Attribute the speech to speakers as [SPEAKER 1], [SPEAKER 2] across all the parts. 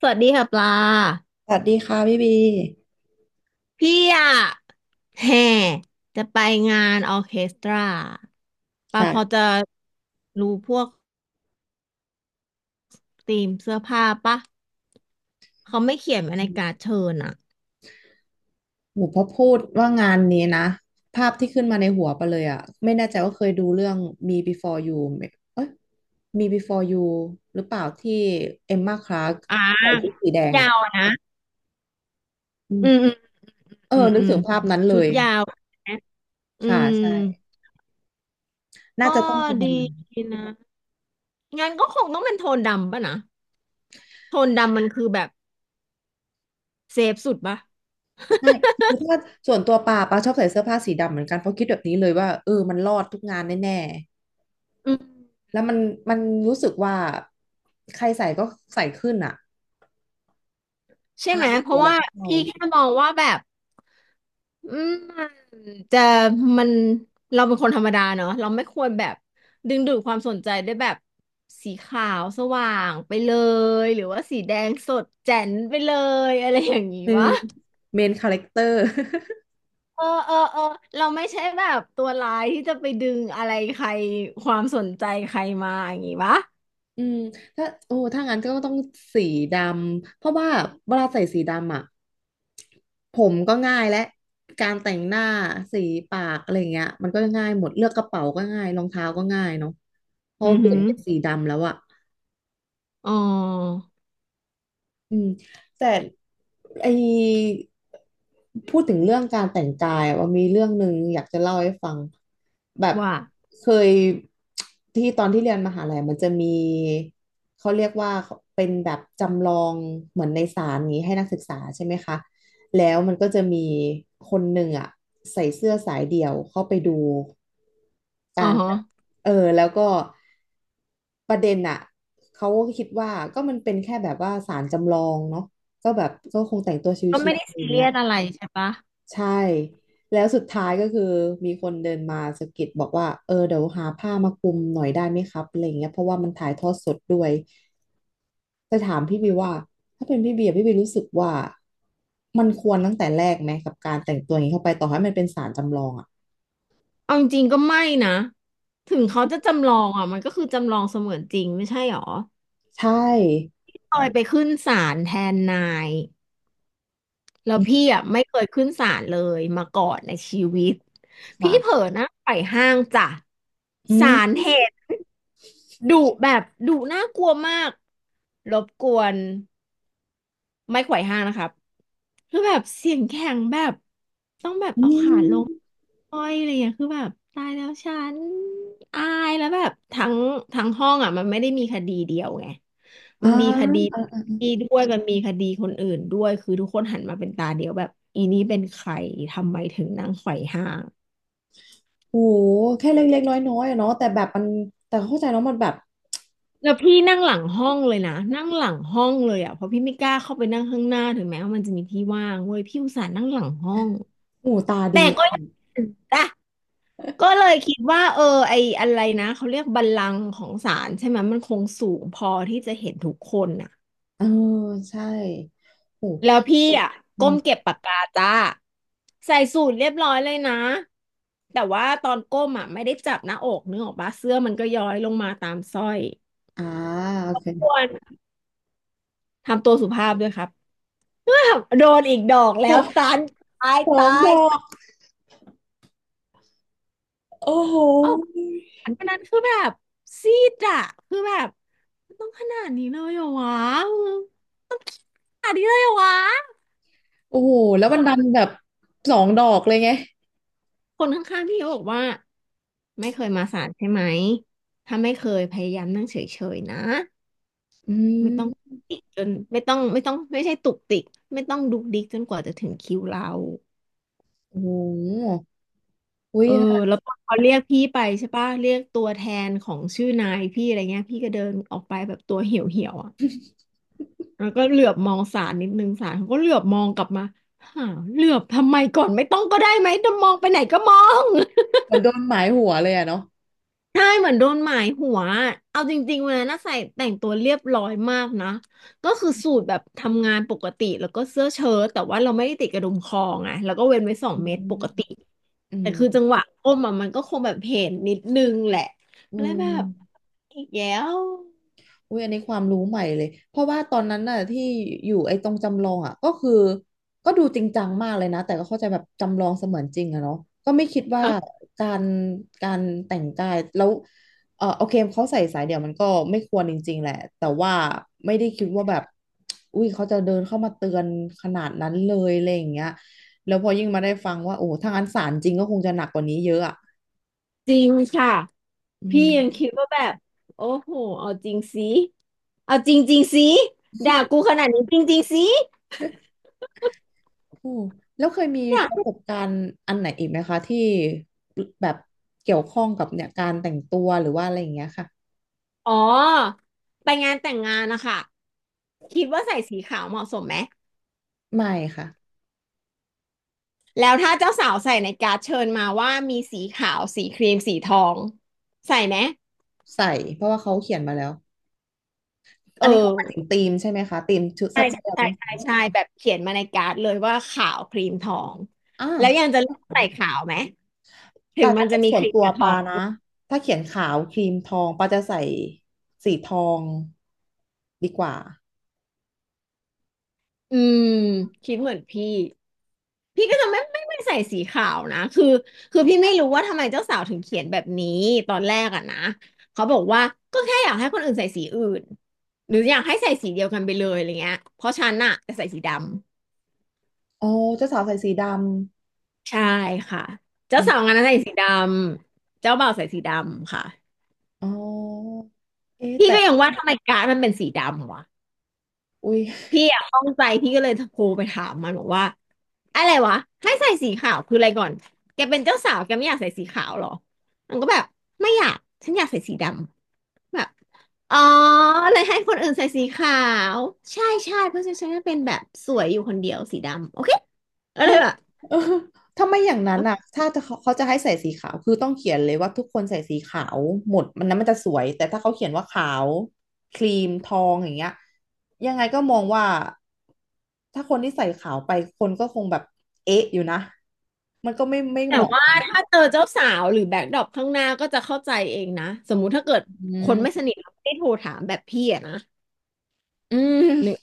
[SPEAKER 1] สวัสดีค่ะปลา
[SPEAKER 2] สวัสดีค่ะพี่บี
[SPEAKER 1] พี่อะแห่จะไปงานออร์เคสตราปลาพอจะ
[SPEAKER 2] ค่ะ
[SPEAKER 1] รู้พวกธีมเสื้อผ้าปะเขาไม่เขียนไว้ในการ์ดเชิญอะ
[SPEAKER 2] หนูพอพูดว่างานนี้นะภาพที่ขึ้นมาในหัวไปเลยอะไม่แน่ใจว่าเคยดูเรื่อง Me Before You ไหมเอ้ย Me Before You หรือเปล่าที่เอมมาคลาร์ก
[SPEAKER 1] อ่
[SPEAKER 2] ใส่ชุด
[SPEAKER 1] า
[SPEAKER 2] สีแดงอะ
[SPEAKER 1] ยาวอะนะ
[SPEAKER 2] อื
[SPEAKER 1] อืมอื
[SPEAKER 2] ม
[SPEAKER 1] ม
[SPEAKER 2] เอ
[SPEAKER 1] อื
[SPEAKER 2] อ
[SPEAKER 1] ม
[SPEAKER 2] นึ
[SPEAKER 1] อื
[SPEAKER 2] ก
[SPEAKER 1] ม
[SPEAKER 2] ถึงภาพนั้นเล
[SPEAKER 1] ชุด
[SPEAKER 2] ย
[SPEAKER 1] ยาวนะอื
[SPEAKER 2] ค่ะ
[SPEAKER 1] ม
[SPEAKER 2] ใช่น่า
[SPEAKER 1] ก็
[SPEAKER 2] จะต้องเป็นประ
[SPEAKER 1] ดี
[SPEAKER 2] มาณนั้น
[SPEAKER 1] นะงั้นก็คงต้องเป็นโทนดำปะนะโทนดำมันคือแบบเซฟสุดปะ
[SPEAKER 2] ใช่คือถ้าส่วนตัวปาปาชอบใส่เสื้อผ้าสีดำเหมือนกันเพราะคิดแบบนี้เลยว่าเออมันรอดทุกงานแน่
[SPEAKER 1] อืม
[SPEAKER 2] ๆแล้วมันมันรู้สึกว่าใครใส่ก็ใส่ขึ้นอะ
[SPEAKER 1] ใช่
[SPEAKER 2] ทา
[SPEAKER 1] ไหม
[SPEAKER 2] นไม่
[SPEAKER 1] เพ
[SPEAKER 2] เสี
[SPEAKER 1] ราะ
[SPEAKER 2] อะไร
[SPEAKER 1] ว่า
[SPEAKER 2] ก็เอา
[SPEAKER 1] พี่แค่มองว่าแบบ อืมจะมันเราเป็นคนธรรมดาเนาะเราไม่ควรแบบดึงดูดความสนใจด้วยแบบสีขาวสว่างไปเลยหรือว่าสีแดงสดแจ๋นไปเลยอะไรอย่างนี้
[SPEAKER 2] เออ
[SPEAKER 1] วะ
[SPEAKER 2] เมนคาแรคเตอร์
[SPEAKER 1] เออเออเออเราไม่ใช่แบบตัวร้ายที่จะไปดึงอะไรใครความสนใจใครมาอย่างนี้วะ
[SPEAKER 2] อืมถ้าโอ้ถ้างั้นก็ต้องสีดำเพราะว่าเวลาใส่สีดำอ่ะผมก็ง่ายและการแต่งหน้าสีปากอะไรเงี้ยมันก็ง่ายหมดเลือกกระเป๋าก็ง่ายรองเท้าก็ง่ายเนาะพอ
[SPEAKER 1] อือ
[SPEAKER 2] เป
[SPEAKER 1] หื
[SPEAKER 2] ลี่ยน
[SPEAKER 1] อ
[SPEAKER 2] เป็นสีดำแล้วอ่ะ
[SPEAKER 1] อ๋อ
[SPEAKER 2] อืมแต่ไอพูดถึงเรื่องการแต่งกายอะว่ามีเรื่องหนึ่งอยากจะเล่าให้ฟังแบบ
[SPEAKER 1] ว่า
[SPEAKER 2] เคยที่ตอนที่เรียนมหาลัยมันจะมีเขาเรียกว่าเป็นแบบจำลองเหมือนในศาลนี้ให้นักศึกษาใช่ไหมคะแล้วมันก็จะมีคนหนึ่งอ่ะใส่เสื้อสายเดี่ยวเข้าไปดู
[SPEAKER 1] อ๋อฮะ
[SPEAKER 2] เออแล้วก็ประเด็นอ่ะเขาก็คิดว่าก็มันเป็นแค่แบบว่าศาลจำลองเนาะก็แบบก็คงแต่งตัวช
[SPEAKER 1] ก็
[SPEAKER 2] ิ
[SPEAKER 1] ไม่
[SPEAKER 2] ว
[SPEAKER 1] ได้
[SPEAKER 2] ๆอ
[SPEAKER 1] ซี
[SPEAKER 2] ย่าง
[SPEAKER 1] เรี
[SPEAKER 2] เงี้
[SPEAKER 1] ย
[SPEAKER 2] ย
[SPEAKER 1] สอะไรใช่ปะ
[SPEAKER 2] ใช่แล้วสุดท้ายก็คือมีคนเดินมาสะกิดบอกว่าเออเดี๋ยวหาผ้ามาคลุมหน่อยได้ไหมครับอะไรเงี้ยเพราะว่ามันถ่ายทอดสดด้วยจะถามพี่บีว่าถ้าเป็นพี่บีอะพี่บีรู้สึกว่ามันควรตั้งแต่แรกไหมกับการแต่งตัวอย่างนี้เข้าไปต่อให้มันเป็นศาลจำลองอ่ะ
[SPEAKER 1] เอาจริงๆก็ไม่นะถึงเขาจะจำลองอ่ะมันก็คือจำลองเสมือนจริงไม่ใช่หรอ
[SPEAKER 2] ใช่
[SPEAKER 1] ตอยไปขึ้นศาลแทนนายแล้ว
[SPEAKER 2] อื
[SPEAKER 1] พี่
[SPEAKER 2] ม
[SPEAKER 1] อ่ะไม่เคยขึ้นศาลเลยมาก่อนในชีวิตพี่เผลอ
[SPEAKER 2] ค่ะ
[SPEAKER 1] นั่งไปห้างจ้ะ
[SPEAKER 2] อื
[SPEAKER 1] ศาล
[SPEAKER 2] ม
[SPEAKER 1] เห็นดุแบบดุน่ากลัวมากรบกวน ไม้ไขว่ห้างนะครับคือแบบเสียงแข็งแบบต้องแบบ
[SPEAKER 2] อื
[SPEAKER 1] เอา
[SPEAKER 2] ม
[SPEAKER 1] ขาลงอ้อยอะไรอย่างเงี้ยคือแบบตายแล้วฉันอายแล้วแบบทั้งห้องอ่ะมันไม่ได้มีคดีเดียวไง
[SPEAKER 2] อ่
[SPEAKER 1] มันมีคดี
[SPEAKER 2] า
[SPEAKER 1] นี้ด้วยมันมีคดีคนอื่นด้วยคือทุกคนหันมาเป็นตาเดียวแบบอีนี้เป็นใครทำไมถึงนั่งไขว่ห้าง
[SPEAKER 2] โอ้โหแค่เล็กๆน้อยๆอะเนาะแต่แบบมันแต่เข้าใจแล้วมันแบบ
[SPEAKER 1] แล้วพี่นั่งหลังห้องเลยนะนั่งหลังห้องเลยอ่ะเพราะพี่ไม่กล้าเข้าไปนั่งข้างหน้าถึงแม้ว่ามันจะมีที่ว่างเว้ยพี่อุตส่าห์นั่งหลังห้อง
[SPEAKER 2] หูตา
[SPEAKER 1] แต่
[SPEAKER 2] ดี
[SPEAKER 1] ก็ยังจ้ะ ก็เลยคิดว่าเออไออะไรนะเขาเรียกบัลลังก์ของศาลใช่ไหมมันคงสูงพอที่จะเห็นทุกคนน่ะ
[SPEAKER 2] เออใช่ โอ้
[SPEAKER 1] แล้วพี่อ่ะ
[SPEAKER 2] อ
[SPEAKER 1] ก้ม
[SPEAKER 2] ม
[SPEAKER 1] เก็บปากกาจ้าใส่สูทเรียบร้อยเลยนะแต่ว่าตอนก้มอ่ะไม่ได้จับหน้าอกนึกออกปะเสื้อมันก็ย้อยลงมาตามสร้อย
[SPEAKER 2] อ่าโอเค
[SPEAKER 1] ควรทำตัวสุภาพด้วยครับ โดนอีกดอก
[SPEAKER 2] ด
[SPEAKER 1] แล้
[SPEAKER 2] อ
[SPEAKER 1] ว
[SPEAKER 2] ก
[SPEAKER 1] ตานตาย
[SPEAKER 2] สอง
[SPEAKER 1] ตา
[SPEAKER 2] ด
[SPEAKER 1] ย
[SPEAKER 2] อกโอ้โห
[SPEAKER 1] วันนั้นคือแบบซีดอะคือแบบมันต้องขนาดนี้เลยเหรอวะต้องขนาดนี้เลยเหรอวะ
[SPEAKER 2] โอ้โห แล้วมันดันแบบสองดอกเลยไง
[SPEAKER 1] คนข้างๆพี่ก็บอกว่าไม่เคยมาศาลใช่ไหมถ้าไม่เคยพยายามนั่งเฉยๆนะ
[SPEAKER 2] อื
[SPEAKER 1] ไม่ต้อง
[SPEAKER 2] ม
[SPEAKER 1] ติกจนไม่ต้องไม่ต้องไม่ใช่ตุกติกไม่ต้องดุกดิกจนกว่าจะถึงคิวเรา
[SPEAKER 2] โอ้โหอุ้
[SPEAKER 1] เอ
[SPEAKER 2] ย
[SPEAKER 1] อแล้วพอเขาเรียกพี่ไปใช่ปะเรียกตัวแทนของชื่อนายพี่อะไรเงี้ยพี่ก็เดินออกไปแบบตัวเหี่ยวๆอ่ะ แล้วก็เหลือบมองศาลนิดนึงศาลเขาก็เหลือบมองกลับมาหาเหลือบทำไมก่อนไม่ต้องก็ได้ไหมจะมองไปไหนก็มอง
[SPEAKER 2] เหมือนโดนหมายหัวเลยอะเนาะ
[SPEAKER 1] ใช่เหมือนโดนหมายหัวเอาจริงๆวันนั้นน่ะใส่แต่งตัวเรียบร้อยมากนะก็คือสูทแบบทำงานปกติแล้วก็เสื้อเชิ้ตแต่ว่าเราไม่ได้ติดกระดุมคอไงแล้วก็เว้นไว้สอง
[SPEAKER 2] อืม
[SPEAKER 1] เมตรปกติ
[SPEAKER 2] อื
[SPEAKER 1] แต่
[SPEAKER 2] ม
[SPEAKER 1] คือจังหวะก้มอะมันก็คงแบบเห็นนิดนึงแหละ
[SPEAKER 2] อื
[SPEAKER 1] แล้ว
[SPEAKER 2] ม
[SPEAKER 1] แบบอีกแล้ว
[SPEAKER 2] อุ้ยอันนี้ความรู้ใหม่เลยเพราะว่าตอนนั้นน่ะที่อยู่ไอ้ตรงจำลองอ่ะก็คือก็ดูจริงจังมากเลยนะแต่ก็เข้าใจแบบจำลองเสมือนจริงอะเนาะก็ไม่คิดว่า
[SPEAKER 1] อ่ะ
[SPEAKER 2] การแต่งกายแล้วเออโอเคเขาใส่สายเดี่ยวมันก็ไม่ควรจริงๆแหละแต่ว่าไม่ได้คิดว่าแบบอุ้ยเขาจะเดินเข้ามาเตือนขนาดนั้นเลยอะไรอย่างเงี้ยแล้วพอยิ่งมาได้ฟังว่าโอ้ถ้างั้นศาลจริงก็คงจะหนักกว่านี้เยอะอะ
[SPEAKER 1] จริงค่ะ
[SPEAKER 2] อื
[SPEAKER 1] พี่ยังคิด
[SPEAKER 2] ม
[SPEAKER 1] ว่าแบบโอ้โหเอาจริงสิ เอาจริงๆสิด่ากูขนาดนี้จริงๆสิ
[SPEAKER 2] อืมแล้วเคยมี
[SPEAKER 1] อยา
[SPEAKER 2] ป
[SPEAKER 1] ก
[SPEAKER 2] ระสบการณ์อันไหนอีกไหมคะที่แบบเกี่ยวข้องกับเนี่ยการแต่งตัวหรือว่าอะไรอย่างเงี้ยค่ะ
[SPEAKER 1] อ๋อไปงานแต่งงานนะคะคิดว่าใส่สีขาวเหมาะสมไหม
[SPEAKER 2] ไม่ค่ะ
[SPEAKER 1] แล้วถ้าเจ้าสาวใส่ในการ์ดเชิญมาว่ามีสีขาวสีครีมสีทองใส่ไหม
[SPEAKER 2] ใส่เพราะว่าเขาเขียนมาแล้ว
[SPEAKER 1] เอ
[SPEAKER 2] อันนี้เขา
[SPEAKER 1] อ
[SPEAKER 2] หมายถึงธีมใช่ไหมคะธีมชุด
[SPEAKER 1] ใช่
[SPEAKER 2] เสื้อผ้า
[SPEAKER 1] ใช่
[SPEAKER 2] ที่เรา
[SPEAKER 1] ใช่
[SPEAKER 2] ต้อง
[SPEAKER 1] ใช่
[SPEAKER 2] ใส่
[SPEAKER 1] ใช่แบบเขียนมาในการ์ดเลยว่าขาวครีมทอง
[SPEAKER 2] อ่า
[SPEAKER 1] แล้วยังจะเลือกใส่ขาวไหมถึ
[SPEAKER 2] แต่
[SPEAKER 1] งมั
[SPEAKER 2] ถ้า
[SPEAKER 1] นจะ
[SPEAKER 2] เป็น
[SPEAKER 1] มี
[SPEAKER 2] ส่
[SPEAKER 1] ค
[SPEAKER 2] วน
[SPEAKER 1] รีม
[SPEAKER 2] ตัว
[SPEAKER 1] กับทอ
[SPEAKER 2] ปา
[SPEAKER 1] ง
[SPEAKER 2] นะถ้าเขียนขาวครีมทองปาจะใส่สีทองดีกว่า
[SPEAKER 1] อืมคิดเหมือนพี่ พี่ก็จะไม่ใส่สีขาวนะคือพี่ไม่รู้ว่าทำไมเจ้าสาวถึงเขียนแบบนี้ตอนแรกอะนะเขาบอกว่าก็แค่อยากให้คนอื่นใส่สีอื่นหรืออยากให้ใส่สีเดียวกันไปเลยอะไรเงี้ยเพราะฉันน่ะจะใส่สีดำ
[SPEAKER 2] อ๋อเจ้าสาวใส่สีดำ
[SPEAKER 1] ใช่ค่ะเจ้า
[SPEAKER 2] อื
[SPEAKER 1] สาวงา
[SPEAKER 2] ม
[SPEAKER 1] นนั้นใส่สีดำเจ้าบ่าวใส่สีดำค่ะ
[SPEAKER 2] อ๋อเอ๊ะ
[SPEAKER 1] พี่
[SPEAKER 2] แต่
[SPEAKER 1] ก็ยังว่าทำไมการ์ดมันเป็นสีดำวะ
[SPEAKER 2] อุ้ย
[SPEAKER 1] พี่อะข้องใจพี่ก็เลยโทรไปถามมันบอกว่าอะไรวะให้ใส่สีขาวคืออะไรก่อนแกเป็นเจ้าสาวแกไม่อยากใส่สีขาวเหรอมันก็แบบไม่อยากฉันอยากใส่สีดำแบบอ๋อเลยให้คนอื่นใส่สีขาวใช่ใช่เพราะฉันจะเป็นแบบสวยอยู่คนเดียวสีดำโอเคก็เล
[SPEAKER 2] ไม่
[SPEAKER 1] ย แบบ
[SPEAKER 2] เออถ้าไม่อย่างนั้นอ่ะถ้าจะเขาเขาจะให้ใส่สีขาวคือต้องเขียนเลยว่าทุกคนใส่สีขาวหมดมันนั้นมันจะสวยแต่ถ้าเขาเขียนว่าขาวครีมทองอย่างเงี้ยยังไงก็มองว่าถ้าคนที่ใส่ขาวไปคนก็คงแบบเอ๊ะอยู่นะมันก็ไม่
[SPEAKER 1] แต่
[SPEAKER 2] เหมาะ
[SPEAKER 1] ว่าถ้าเจอเจ้าสาวหรือแบ็คดรอปข้างหน้าก็จะเข้าใจเองนะสมมุติถ้าเกิด
[SPEAKER 2] อื
[SPEAKER 1] คนไม่ส
[SPEAKER 2] ม
[SPEAKER 1] นิทเราไม่ได้โทรถามแบบพี่อะนะ
[SPEAKER 2] อื
[SPEAKER 1] หนึ่ง
[SPEAKER 2] ม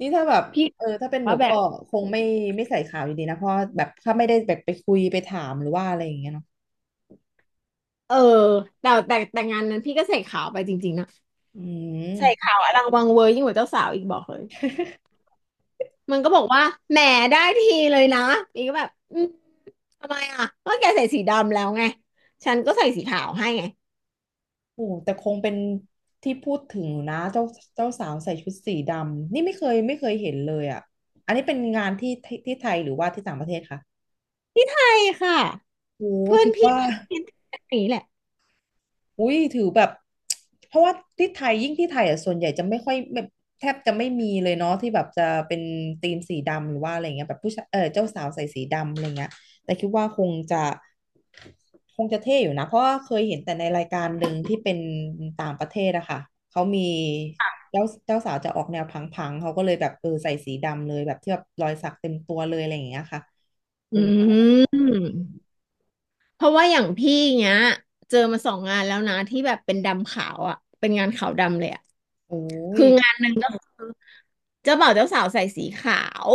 [SPEAKER 2] นี่ถ้าแบบ
[SPEAKER 1] พี่
[SPEAKER 2] เออถ้าเป็นหนู
[SPEAKER 1] ว่าแบ
[SPEAKER 2] ก็
[SPEAKER 1] บ
[SPEAKER 2] คงไม่ใส่ขาวอยู่ดีนะเพราะแบบถ้าไม่ได้แบบไปคุยไปถามหรือว่าอะไรอย่างเงี้ยเนาะ
[SPEAKER 1] เออแต่งานนั้นพี่ก็ใส่ขาวไปจริงๆนะ
[SPEAKER 2] อื
[SPEAKER 1] ใส่
[SPEAKER 2] ม
[SPEAKER 1] ขาวอลังวังเวอร์ยิ่งกว่าเจ้าสาวอีกบอกเลยมันก็บอกว่าแหมได้ทีเลยนะอีกก็แบบอืมทำไมอ่ะก็แกใส่สีดำแล้วไงฉันก็ใส่สีขาวให้ไง
[SPEAKER 2] โอ้แต่คงเป็นที่พูดถึงอยู่นะเจ้าสาวใส่ชุดสีดำนี่ไม่เคยเห็นเลยอ่ะอันนี้เป็นงานที่ที่ไทยหรือว่าที่ต่างประเทศคะ
[SPEAKER 1] ที่ไทยค่ะ
[SPEAKER 2] โอ้
[SPEAKER 1] เพื่อน
[SPEAKER 2] ถือ
[SPEAKER 1] พี่
[SPEAKER 2] ว่า
[SPEAKER 1] มันคิดแบบนี้แหละ
[SPEAKER 2] อุ้ยถือแบบ เพราะว่าที่ไทยยิ่งที่ไทยอ่ะส่วนใหญ่จะไม่ค่อยแบบแทบจะไม่มีเลยเนาะที่แบบจะเป็นธีมสีดำหรือว่าอะไรเงี้ยแบบผู้ชายเออเจ้าสาวใส่สีดำอะไรเงี้ยแต่คิดว่าคงจะเท่อยู่นะเพราะว่าเคยเห็นแต่ในรายการหนึ่งที่เป็นต่างประเทศอะค่ะเขามีเจ้าสาวจะออกแนวพังๆเขาก็เลยแบบเออใส่สีดำเลยแบบที่แบบรอยสักเต็มตัวเลยอะไรอย่างเงี้ยค่ะเอ
[SPEAKER 1] อื
[SPEAKER 2] อ
[SPEAKER 1] มเพราะว่าอย่างพี่เนี้ยเจอมา2 งานแล้วนะที่แบบเป็นดำขาวอ่ะเป็นงานขาวดำเลยอ่ะ
[SPEAKER 2] โอ้ย
[SPEAKER 1] คืองานหนึ่งก็คือเจ้าบ่าวเจ้าสาวใส่สีขาว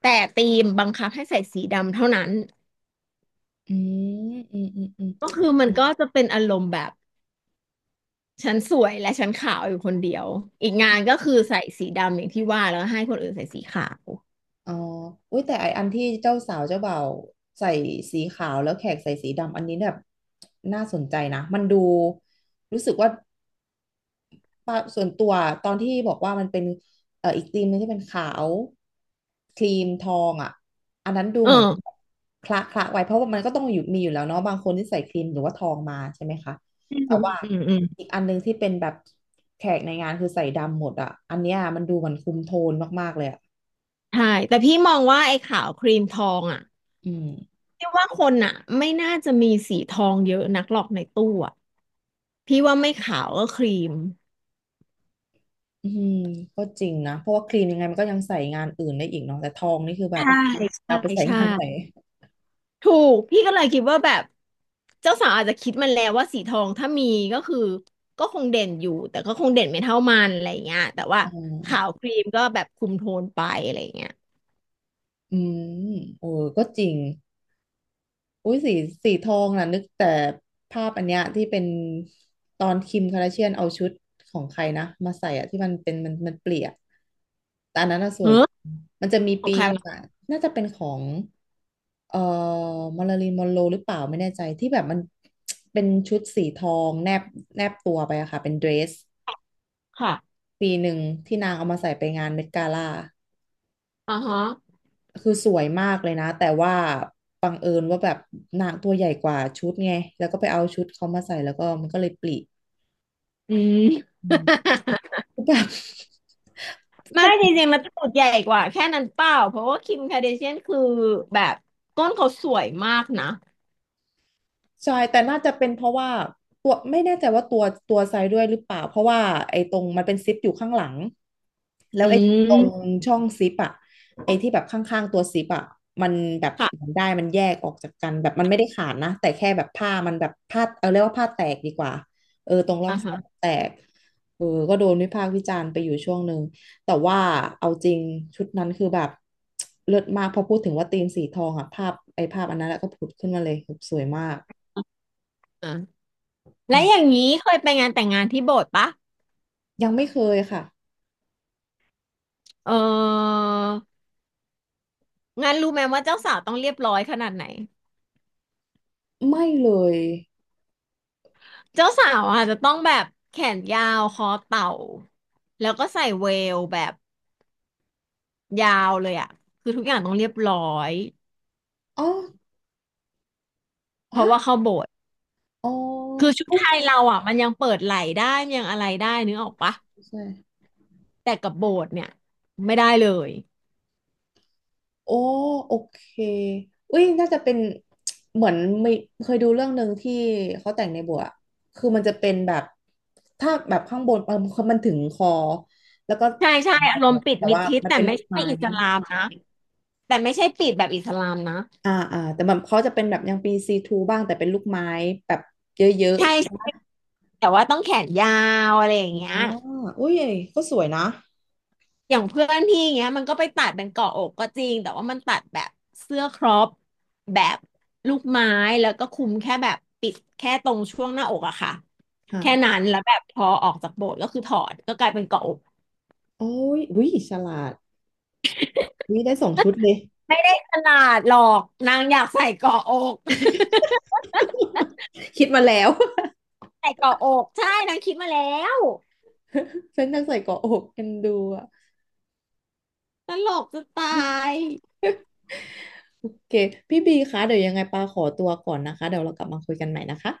[SPEAKER 1] แต่ธีมบังคับให้ใส่สีดำเท่านั้น
[SPEAKER 2] อืมอืมอืมอืม
[SPEAKER 1] ก็คือมันก็จะเป็นอารมณ์แบบฉันสวยและฉันขาวอยู่คนเดียวอีกงานก็คือใส่สีดำอย่างที่ว่าแล้วให้คนอื่นใส่สีขาว
[SPEAKER 2] อ๋ออุ้ยแต่ไออันที่เจ้าสาวเจ้าบ่าวใส่สีขาวแล้วแขกใส่สีดำอันนี้แบบน่าสนใจนะมันดูรู้สึกว่าปะส่วนตัวตอนที่บอกว่ามันเป็นอีกธีมหนึงที่เป็นขาวครีมทองอ่ะอันนั้นดู
[SPEAKER 1] เอ
[SPEAKER 2] เหมือน
[SPEAKER 1] อ
[SPEAKER 2] คละไว้เพราะว่ามันก็ต้องอยู่มีอยู่แล้วเนาะบางคนที่ใส่ครีมหรือว่าทองมาใช่ไหมคะ
[SPEAKER 1] อืม
[SPEAKER 2] แต่
[SPEAKER 1] อืม
[SPEAKER 2] ว่า
[SPEAKER 1] อืมอืม
[SPEAKER 2] อีกอันหนึงที่เป็นแบบแขกในงานคือใส่ดำหมดอ่ะอันเนี้ยมันดูเหมือนคุมโทนมากๆเลยอ่ะ
[SPEAKER 1] ใช่แต่พี่มองว่าไอ้ขาวครีมทองอ่ะ
[SPEAKER 2] อืม
[SPEAKER 1] พี่ว่าคนอ่ะไม่น่าจะมีสีทองเยอะนักหรอกในตู้อ่ะพี่ว่าไม่ขาวก็ครีม
[SPEAKER 2] อืมก็จริงนะเพราะว่าครีมยังไงมันก็ยังใส่งานอื่นได้อีกเนาะแต่ทองนี่คือแบบ
[SPEAKER 1] ใช่ใช่
[SPEAKER 2] เอาไปใส่
[SPEAKER 1] ใช่
[SPEAKER 2] งานไหน
[SPEAKER 1] ถูกพี่ก็เลยคิดว่าแบบเจ้าสาวอาจจะคิดมันแล้วว่าสีทองถ้ามีก็คือก็คงเด่นอยู่แต่ก็คงเด่นไม่เท่ามันอะไรเงี้ยแต่ว่า
[SPEAKER 2] อื
[SPEAKER 1] ขาว
[SPEAKER 2] ม
[SPEAKER 1] ครีมก็แบบคุมโทนไปอะไรเงี้ย
[SPEAKER 2] อืมโอ้ก็จริงอุ้ยสีสีทองน่ะนึกแต่ภาพอันเนี้ยที่เป็นตอนคิมคาราเชียนเอาชุดของใครนะมาใส่อะที่มันเป็นมันเปลี่ยนแต่อันนั้นน่ะส
[SPEAKER 1] เฮ้
[SPEAKER 2] วย
[SPEAKER 1] อ
[SPEAKER 2] มันจะมี
[SPEAKER 1] ของ
[SPEAKER 2] ปี
[SPEAKER 1] ใคร
[SPEAKER 2] หนึง
[SPEAKER 1] วะ
[SPEAKER 2] อะน่าจะเป็นของเอ่อมาริลีนมอนโรหรือเปล่าไม่แน่ใจที่แบบมันเป็นชุดสีทองแนบตัวไปอะค่ะเป็นเดรส
[SPEAKER 1] ค่ะ
[SPEAKER 2] ปีหนึ่งที่นางเอามาใส่ไปงานเมดกาล่า
[SPEAKER 1] อ่าฮะ
[SPEAKER 2] คือสวยมากเลยนะแต่ว่าบังเอิญว่าแบบนางตัวใหญ่กว่าชุดไงแล้วก็ไปเอาชุดเขามาใส่แล้วก็มันก็เลยปลิ
[SPEAKER 1] อืม
[SPEAKER 2] อืม แบบ ข
[SPEAKER 1] ไม่จ
[SPEAKER 2] นา
[SPEAKER 1] ริ
[SPEAKER 2] ด
[SPEAKER 1] งๆมันตูดใหญ่กว่าแค่นั้นเปล่าเพราะว่าคิมคาเดเชียนคือแบบก้นเขาสวยมากนะ
[SPEAKER 2] ใช่แต่น่าจะเป็นเพราะว่าตัวไม่แน่ใจว่าตัวไซด์ด้วยหรือเปล่า เพราะว่าไอ้ตรงมันเป็นซิปอยู่ข้างหลัง แล้ว
[SPEAKER 1] อื
[SPEAKER 2] ไอ้ตรง
[SPEAKER 1] ม
[SPEAKER 2] ช่องซิปอะไอ้ที่แบบข้างๆตัวซิปอะมันแบบ
[SPEAKER 1] ค่ะ
[SPEAKER 2] มันได้มันแยกออกจากกันแบบมันไม่ได้ขาดนะแต่แค่แบบผ้ามันแบบผ้าเอาเรียกว่าผ้าแตกดีกว่าเออตรงร่อ
[SPEAKER 1] อ่า
[SPEAKER 2] งซ่อ
[SPEAKER 1] ฮะ
[SPEAKER 2] มแตกเออก็โดนวิพากษ์วิจารณ์ไปอยู่ช่วงหนึ่งแต่ว่าเอาจริงชุดนั้นคือแบบเลิศมากพอพูดถึงว่าธีมสีทองอะภาพอันนั้นแล้วก็ผุดขึ้นมาเลยแบบสวยมาก
[SPEAKER 1] อ่า
[SPEAKER 2] อื
[SPEAKER 1] และอย่าง
[SPEAKER 2] ม
[SPEAKER 1] นี้เคยไปงานแต่งงานที่โบสถ์ปะ
[SPEAKER 2] ยังไม่เคยค่ะ
[SPEAKER 1] เออ งานรู้ไหมว่าเจ้าสาวต้องเรียบร้อยขนาดไหน
[SPEAKER 2] ไม่เลย
[SPEAKER 1] เจ้าสาวอาจจะต้องแบบแขนยาวคอเต่าแล้วก็ใส่เวลแบบยาวเลยอ่ะคือทุกอย่างต้องเรียบร้อย
[SPEAKER 2] อ๋อ
[SPEAKER 1] เพราะ
[SPEAKER 2] ฮะ
[SPEAKER 1] ว่าเข้าโบสถ์
[SPEAKER 2] อ๋อ
[SPEAKER 1] คือชุด
[SPEAKER 2] อุ๊
[SPEAKER 1] ไท
[SPEAKER 2] ย
[SPEAKER 1] ยเราอ่ะมันยังเปิดไหล่ได้มันยังอะไรได้นึกออกปะ
[SPEAKER 2] ใช่
[SPEAKER 1] แต่กับโบสถ์เนี่ยไม่ได้เลย
[SPEAKER 2] โอ้โอเคอุ้ยน่าจะเป็น เหมือนไม่เคยดูเรื่องหนึ่งที่เขาแต่งในบัวอะคือมันจะเป็นแบบถ้าแบบข้างบนเออมันถึงคอแล้วก็
[SPEAKER 1] ใช่ใช่อารมณ์ปิด
[SPEAKER 2] แต่
[SPEAKER 1] มิด
[SPEAKER 2] ว่า
[SPEAKER 1] ชิด
[SPEAKER 2] มัน
[SPEAKER 1] แต่
[SPEAKER 2] เป็น
[SPEAKER 1] ไม่
[SPEAKER 2] ลูก
[SPEAKER 1] ใช่
[SPEAKER 2] ไม้
[SPEAKER 1] อิสลามนะแต่ไม่ใช่ปิดแบบอิสลามนะ
[SPEAKER 2] อ่าอ่าแต่แบบเขาจะเป็นแบบยังปีซีทูบ้างแต่เป็นลูกไม้แบบเยอะ
[SPEAKER 1] ใช่
[SPEAKER 2] ๆใช่ไหม
[SPEAKER 1] ใช่แต่ว่าต้องแขนยาวอะไรอย่างเงี้ย
[SPEAKER 2] อ๋ออุ้ยก็สวยนะ
[SPEAKER 1] อย่างเพื่อนพี่อย่างเงี้ยมันก็ไปตัดเป็นเกาะอกก็จริงแต่ว่ามันตัดแบบเสื้อครอปแบบลูกไม้แล้วก็คลุมแค่แบบปิดแค่ตรงช่วงหน้าอกอะค่ะ
[SPEAKER 2] ค่ะ
[SPEAKER 1] แค่นั้นแล้วแบบพอออกจากโบสถ์ก็คือถอดก็กลายเป็นเกาะอก
[SPEAKER 2] โอ้ยอุ้ยฉลาด นี่ได้2 ชุดเลย
[SPEAKER 1] ไม่ได้ขนาดหรอกนางอยากใส่เกาะอก
[SPEAKER 2] คิดมาแล้ว
[SPEAKER 1] ใส่เกาะอกใช่นางคิดมาแล้ว
[SPEAKER 2] ฉันจัใส่เกาะอกกันดูอ่ะ
[SPEAKER 1] ตลกจะตาย
[SPEAKER 2] โอเคพี่บีคะเดี๋ยวยังไงปาขอตัวก่อนนะคะเดี๋ยวเรากลับมาคุยกันใหม่นะคะ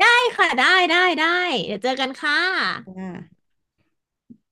[SPEAKER 1] ได้ค่ะได้ได้ได้เดี๋ยวเจอกันค่ะ
[SPEAKER 2] ค่ะ